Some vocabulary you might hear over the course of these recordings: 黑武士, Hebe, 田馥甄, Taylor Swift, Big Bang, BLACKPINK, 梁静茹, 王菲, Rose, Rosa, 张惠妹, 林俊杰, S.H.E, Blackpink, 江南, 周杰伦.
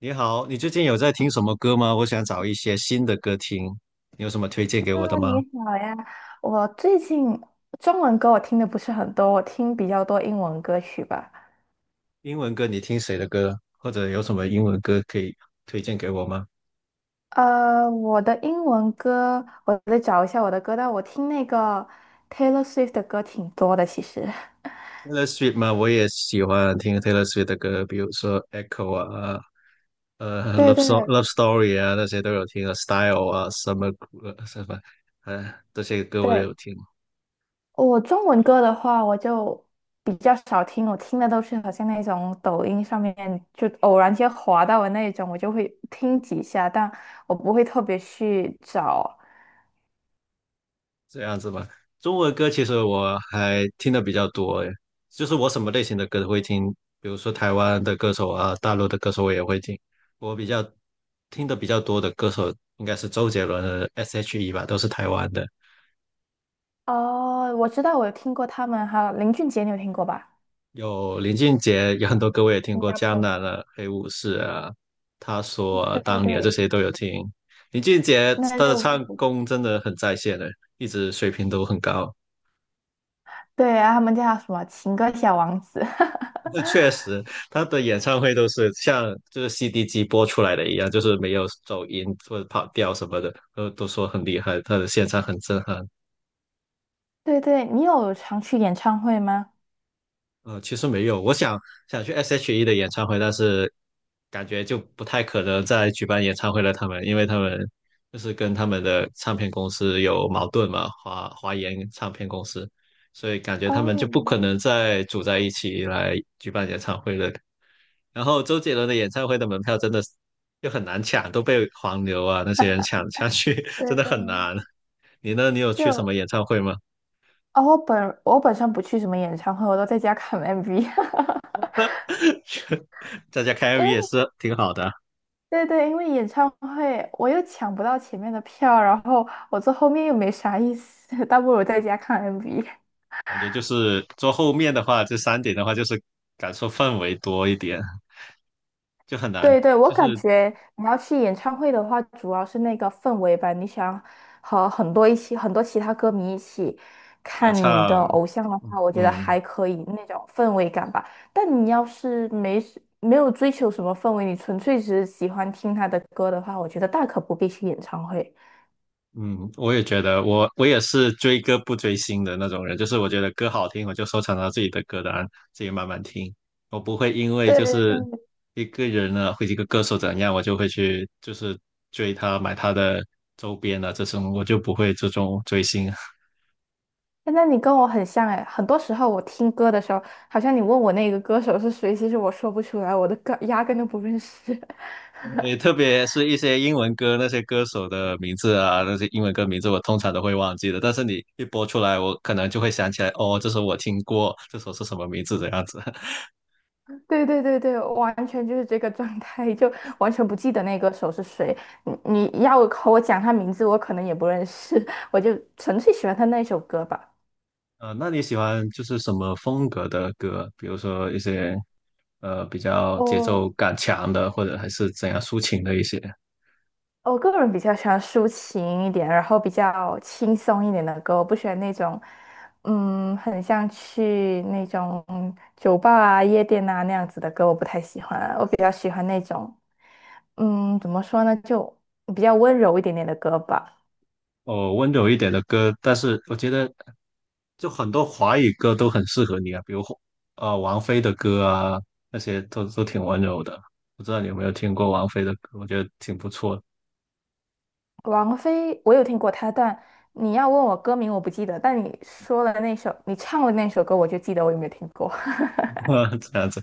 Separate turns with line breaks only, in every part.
你好，你最近有在听什么歌吗？我想找一些新的歌听，你有什么推荐给我的
啊，
吗？
你好呀！我最近中文歌我听的不是很多，我听比较多英文歌曲吧。
英文歌你听谁的歌？或者有什么英文歌可以推荐给我吗
我的英文歌，我得找一下我的歌单。我听那个 Taylor Swift 的歌挺多的，其实。
？Taylor Swift 吗？我也喜欢听 Taylor Swift 的歌，比如说《Echo》啊，
对
《Love So
对
Love Story》啊，那些都有听啊，《Style》啊，《Summer》呃什么，呃，这些歌我都
对，
有听。
我中文歌的话，我就比较少听，我听的都是好像那种抖音上面就偶然间滑到的那种，我就会听几下，但我不会特别去找。
这样子吧，中文歌其实我还听的比较多，诶，就是我什么类型的歌都会听，比如说台湾的歌手啊，大陆的歌手我也会听。我比较听的比较多的歌手应该是周杰伦的 S.H.E 吧，都是台湾的。
哦，我知道，我有听过他们，还有林俊杰，你有听过吧？
有林俊杰，有很多歌我也听
新
过，
加
《江
坡。
南》啊，《黑武士》啊，他说、啊、
对对
当年啊这
对，
些都有听。林俊杰
那
他的
就不
唱
是。
功真的很在线的，一直水平都很高。
对，然后他们叫什么情歌小王子？
这确实，他的演唱会都是像就是 CD 机播出来的一样，就是没有走音或者跑调什么的，都说很厉害，他的现场很震撼。
对对，你有常去演唱会吗？
其实没有，我想去 S.H.E 的演唱会，但是感觉就不太可能再举办演唱会了。因为他们就是跟他们的唱片公司有矛盾嘛，华研唱片公司，所以感觉他们
哦，
就不可能再组在一起来举办演唱会了。然后周杰伦的演唱会的门票真的是就很难抢，都被黄牛啊那些人抢去，真
对
的
对，
很难。你呢？你有去什
就
么演唱会吗？
哦，我本身不去什么演唱会，我都在家看 MV。
在家开
因
MV 也
为
是挺好的啊，
对对，因为演唱会我又抢不到前面的票，然后我坐后面又没啥意思，倒不如在家看 MV。
感觉就是坐后面的话，这三点的话就是感受氛围多一点，就很
对
难，
对，我
就
感
是
觉你要去演唱会的话，主要是那个氛围吧。你想和很多一起，很多其他歌迷一起
合
看你的
唱，
偶像的话，我觉得
嗯，
还可以那种氛围感吧。但你要是没事没有追求什么氛围，你纯粹只是喜欢听他的歌的话，我觉得大可不必去演唱会。
嗯，我也觉得我也是追歌不追星的那种人，就是我觉得歌好听，我就收藏到自己的歌单，自己慢慢听。我不会因为
对
就
对
是
对，
一个人呢，或者一个歌手怎样，我就会去就是追他，买他的周边啊，这种我就不会这种追星啊。
诶那你跟我很像哎，很多时候我听歌的时候，好像你问我那个歌手是谁，其实我说不出来，我的歌压根都不认识。
也特别是一些英文歌，那些歌手的名字啊，那些英文歌名字我通常都会忘记的。但是你一播出来，我可能就会想起来，哦，这首我听过，这首是什么名字这样子。
对对对对，完全就是这个状态，就完全不记得那个手是谁。你要和我讲他名字，我可能也不认识，我就纯粹喜欢他那首歌吧。
那你喜欢就是什么风格的歌？比如说一些比较节奏
哦，
感强的，或者还是怎样抒情的一些，
我个人比较喜欢抒情一点，然后比较轻松一点的歌，我不喜欢那种，很像去那种酒吧啊、夜店啊那样子的歌，我不太喜欢啊。我比较喜欢那种，怎么说呢，就比较温柔一点点的歌吧。
哦，温柔一点的歌。但是我觉得就很多华语歌都很适合你啊，比如王菲的歌啊，那些都挺温柔的。不知道你有没有听过王菲的歌？我觉得挺不错的，
王菲，我有听过她，但你要问我歌名，我不记得。但你说了那首，你唱了那首歌，我就记得我有没有听过。
这样子。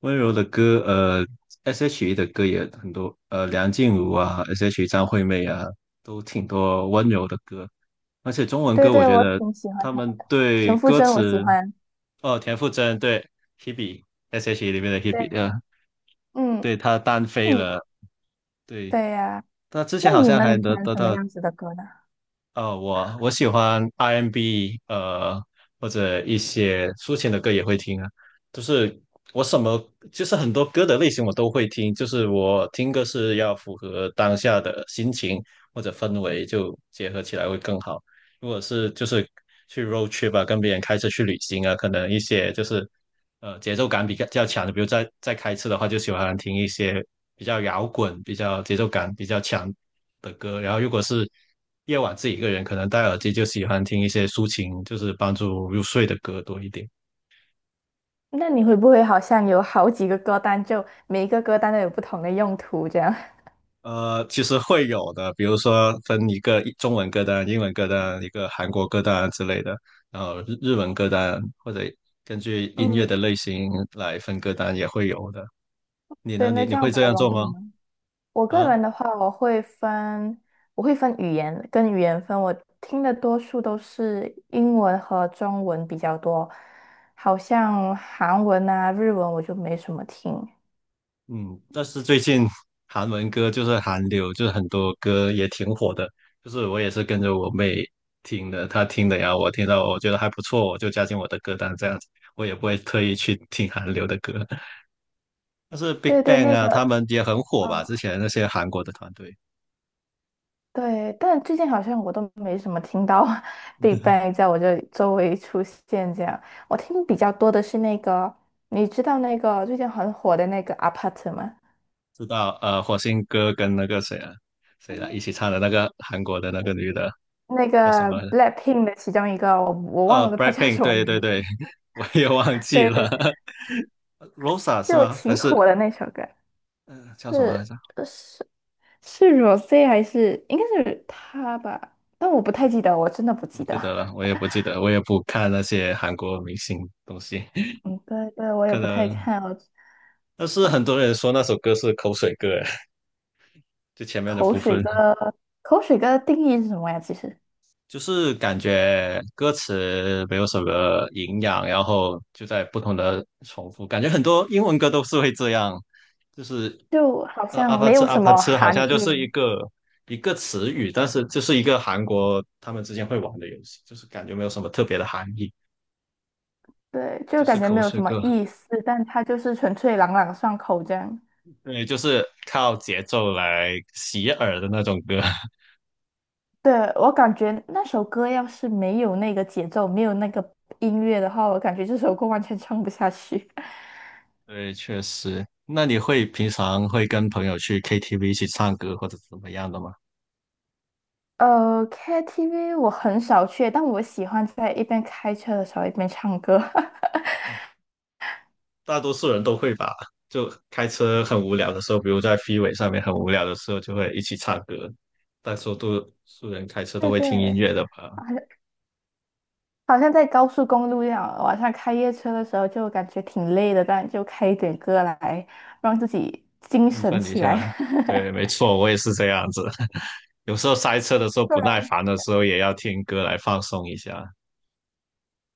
温柔的歌，S.H.E 的歌也很多，梁静茹啊，S.H.E 张惠妹啊，都挺多温柔的歌。而且中文
对
歌，我
对，
觉
我
得
挺喜欢
他
她的，
们
田
对
馥
歌
甄我喜
词，
欢。
哦，田馥甄对 Hebe，S.H.E 里面的
对。
Hebe，
嗯，
对她单
那
飞
你
了，对，
对呀、
她之
那
前好
你
像
呢？
还
你喜
得
欢
得
什么
到
样子的歌呢？
。我喜欢 R&B，或者一些抒情的歌也会听啊。就是我什么，就是很多歌的类型我都会听。就是我听歌是要符合当下的心情或者氛围，就结合起来会更好。如果是就是去 road trip 啊，跟别人开车去旅行啊，可能一些就是节奏感比较强的，比如在开车的话，就喜欢听一些比较摇滚、比较节奏感比较强的歌，然后如果是夜晚自己一个人，可能戴耳机就喜欢听一些抒情，就是帮助入睡的歌多一点。
那你会不会好像有好几个歌单，就每一个歌单都有不同的用途这样？
其实会有的，比如说分一个中文歌单、英文歌单、一个韩国歌单之类的，然后日文歌单，或者根据 音乐的
嗯，
类型来分歌单也会有的。你
对，
呢？你
那
你
这样
会
比
这
较
样
容
做
易
吗？
吗？我个
啊？
人的话，我会分语言跟语言分。我听的多数都是英文和中文比较多，好像韩文啊、日文我就没什么听。
嗯，但是最近 韩文歌就是韩流，就是很多歌也挺火的，就是我也是跟着我妹听的，她听的呀，我听到我觉得还不错，我就加进我的歌单这样子，我也不会特意去听韩流的歌。但是 Big
对对，
Bang
那
啊，
个，
他们也很火吧？
嗯，
之前那些韩国的团队，
对，但最近好像我都没什么听到 Big Bang 在我这里周围出现这样。我听比较多的是那个，你知道那个最近很火的那个 Apart 吗？
知道火星哥跟那个谁啊谁来一起唱的那个韩国的那个女的
那
叫什
个
么来着？
Blackpink 的其中一个，我忘了他叫
BLACKPINK，
什么
对
名
对对，
字。
我也忘记
对
了
对，
，Rosa 是
就
吗？还
挺
是
火的那首歌，
嗯、呃叫什么？来
是
着？
呃是是 Rose 还是应该是他吧？但我不太记得，我真的不
不
记得。
记得了，我也不记得，我也不看那些韩国明星东西，
嗯，对对，我也
可
不太
能。
看哦。
但是很
嗯，
多人说那首歌是口水歌，就前面的
口
部
水
分，
歌，口水歌的定义是什么呀？其实
就是感觉歌词没有什么营养，然后就在不同的重复，感觉很多英文歌都是会这样，就是
就好
阿
像
帕
没
吃
有
阿
什
帕
么
吃，好
含
像就是一
义，
个一个词语，但是就是一个韩国他们之间会玩的游戏，就是感觉没有什么特别的含义，
对，
就
就
是
感觉
口
没有
水
什么
歌。
意思，但它就是纯粹朗朗上口这样。
对，就是靠节奏来洗耳的那种歌。
对，我感觉那首歌要是没有那个节奏，没有那个音乐的话，我感觉这首歌完全唱不下去。
对，确实。那你会平常会跟朋友去 KTV 一起唱歌或者怎么样的吗？
呃，KTV 我很少去，但我喜欢在一边开车的时候一边唱歌。
大多数人都会吧，就开车很无聊的时候，比如在 FRE 上面很无聊的时候，就会一起唱歌。大多数人开车都
对
会听音
对，
乐的吧，
好像好像在高速公路一样，晚上开夜车的时候就感觉挺累的，但就开一点歌来让自己精
振
神
奋一
起来。
下。对，没错，我也是这样子。有时候塞车的时候
不
不耐
然，
烦的时候，也要听歌来放松一下。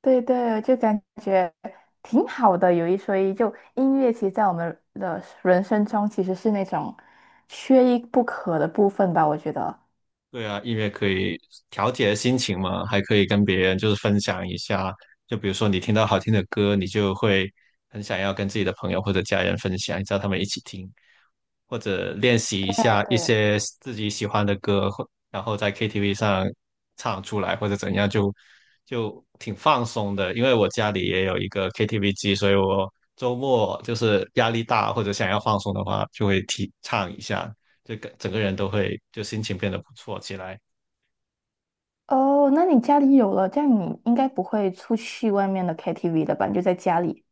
对对，就感觉挺好的。有一说一，就音乐其实在我们的人生中其实是那种缺一不可的部分吧，我觉得。
对啊，音乐可以调节心情嘛，还可以跟别人就是分享一下。就比如说你听到好听的歌，你就会很想要跟自己的朋友或者家人分享，叫他们一起听，或者练习一
啊
下一
对，
些自己喜欢的歌，或然后在 KTV 上唱出来或者怎样，就挺放松的。因为我家里也有一个 KTV 机，所以我周末就是压力大或者想要放松的话，就会提唱一下。就个整个人都会就心情变得不错起来。
哦，那你家里有了，这样你应该不会出去外面的 KTV 了吧？你就在家里。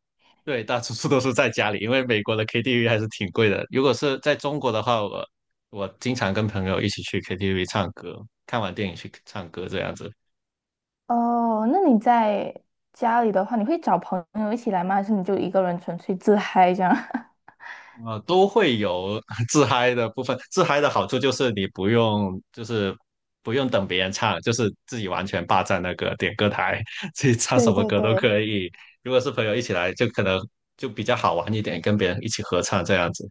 对，大多数都是在家里，因为美国的 KTV 还是挺贵的。如果是在中国的话，我经常跟朋友一起去 KTV 唱歌，看完电影去唱歌这样子，
哦，那你在家里的话，你会找朋友一起来吗？还是你就一个人纯粹自嗨这样？
啊，都会有 自嗨的部分。自嗨的好处就是你不用就是不用等别人唱，就是自己完全霸占那个点歌台，自己唱什
对
么
对
歌都
对，
可以。如果是朋友一起来，就可能就比较好玩一点，跟别人一起合唱这样子。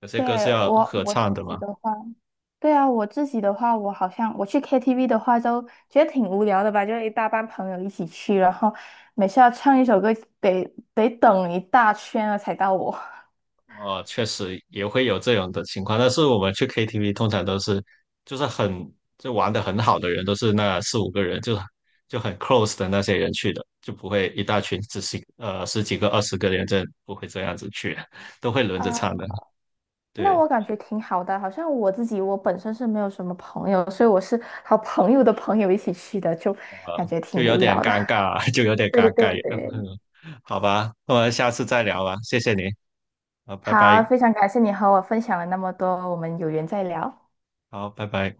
有些歌是
对，
要
我
合
我自
唱的
己
嘛，
的话，对啊，我自己的话，我好像我去 KTV 的话，都觉得挺无聊的吧，就一大班朋友一起去，然后每次要唱一首歌，得得等一大圈了才到我。
哦，确实也会有这种的情况。但是我们去 KTV 通常都是，就是很，就玩的很好的人，都是那四五个人，就很 close 的那些人去的，就不会一大群只是十几个、20个人，这不会这样子去，都会轮着唱
啊。
的。
那
对，
我感觉挺好的，好像我自己我本身是没有什么朋友，所以我是好朋友的朋友一起去的，就感觉挺
就有
无
点
聊的。
尴尬，就有点
对
尴尬。
对对，
好吧，那我们下次再聊吧，谢谢您，好，拜
好，
拜，
非常感谢你和我分享了那么多，我们有缘再聊。
好，拜拜。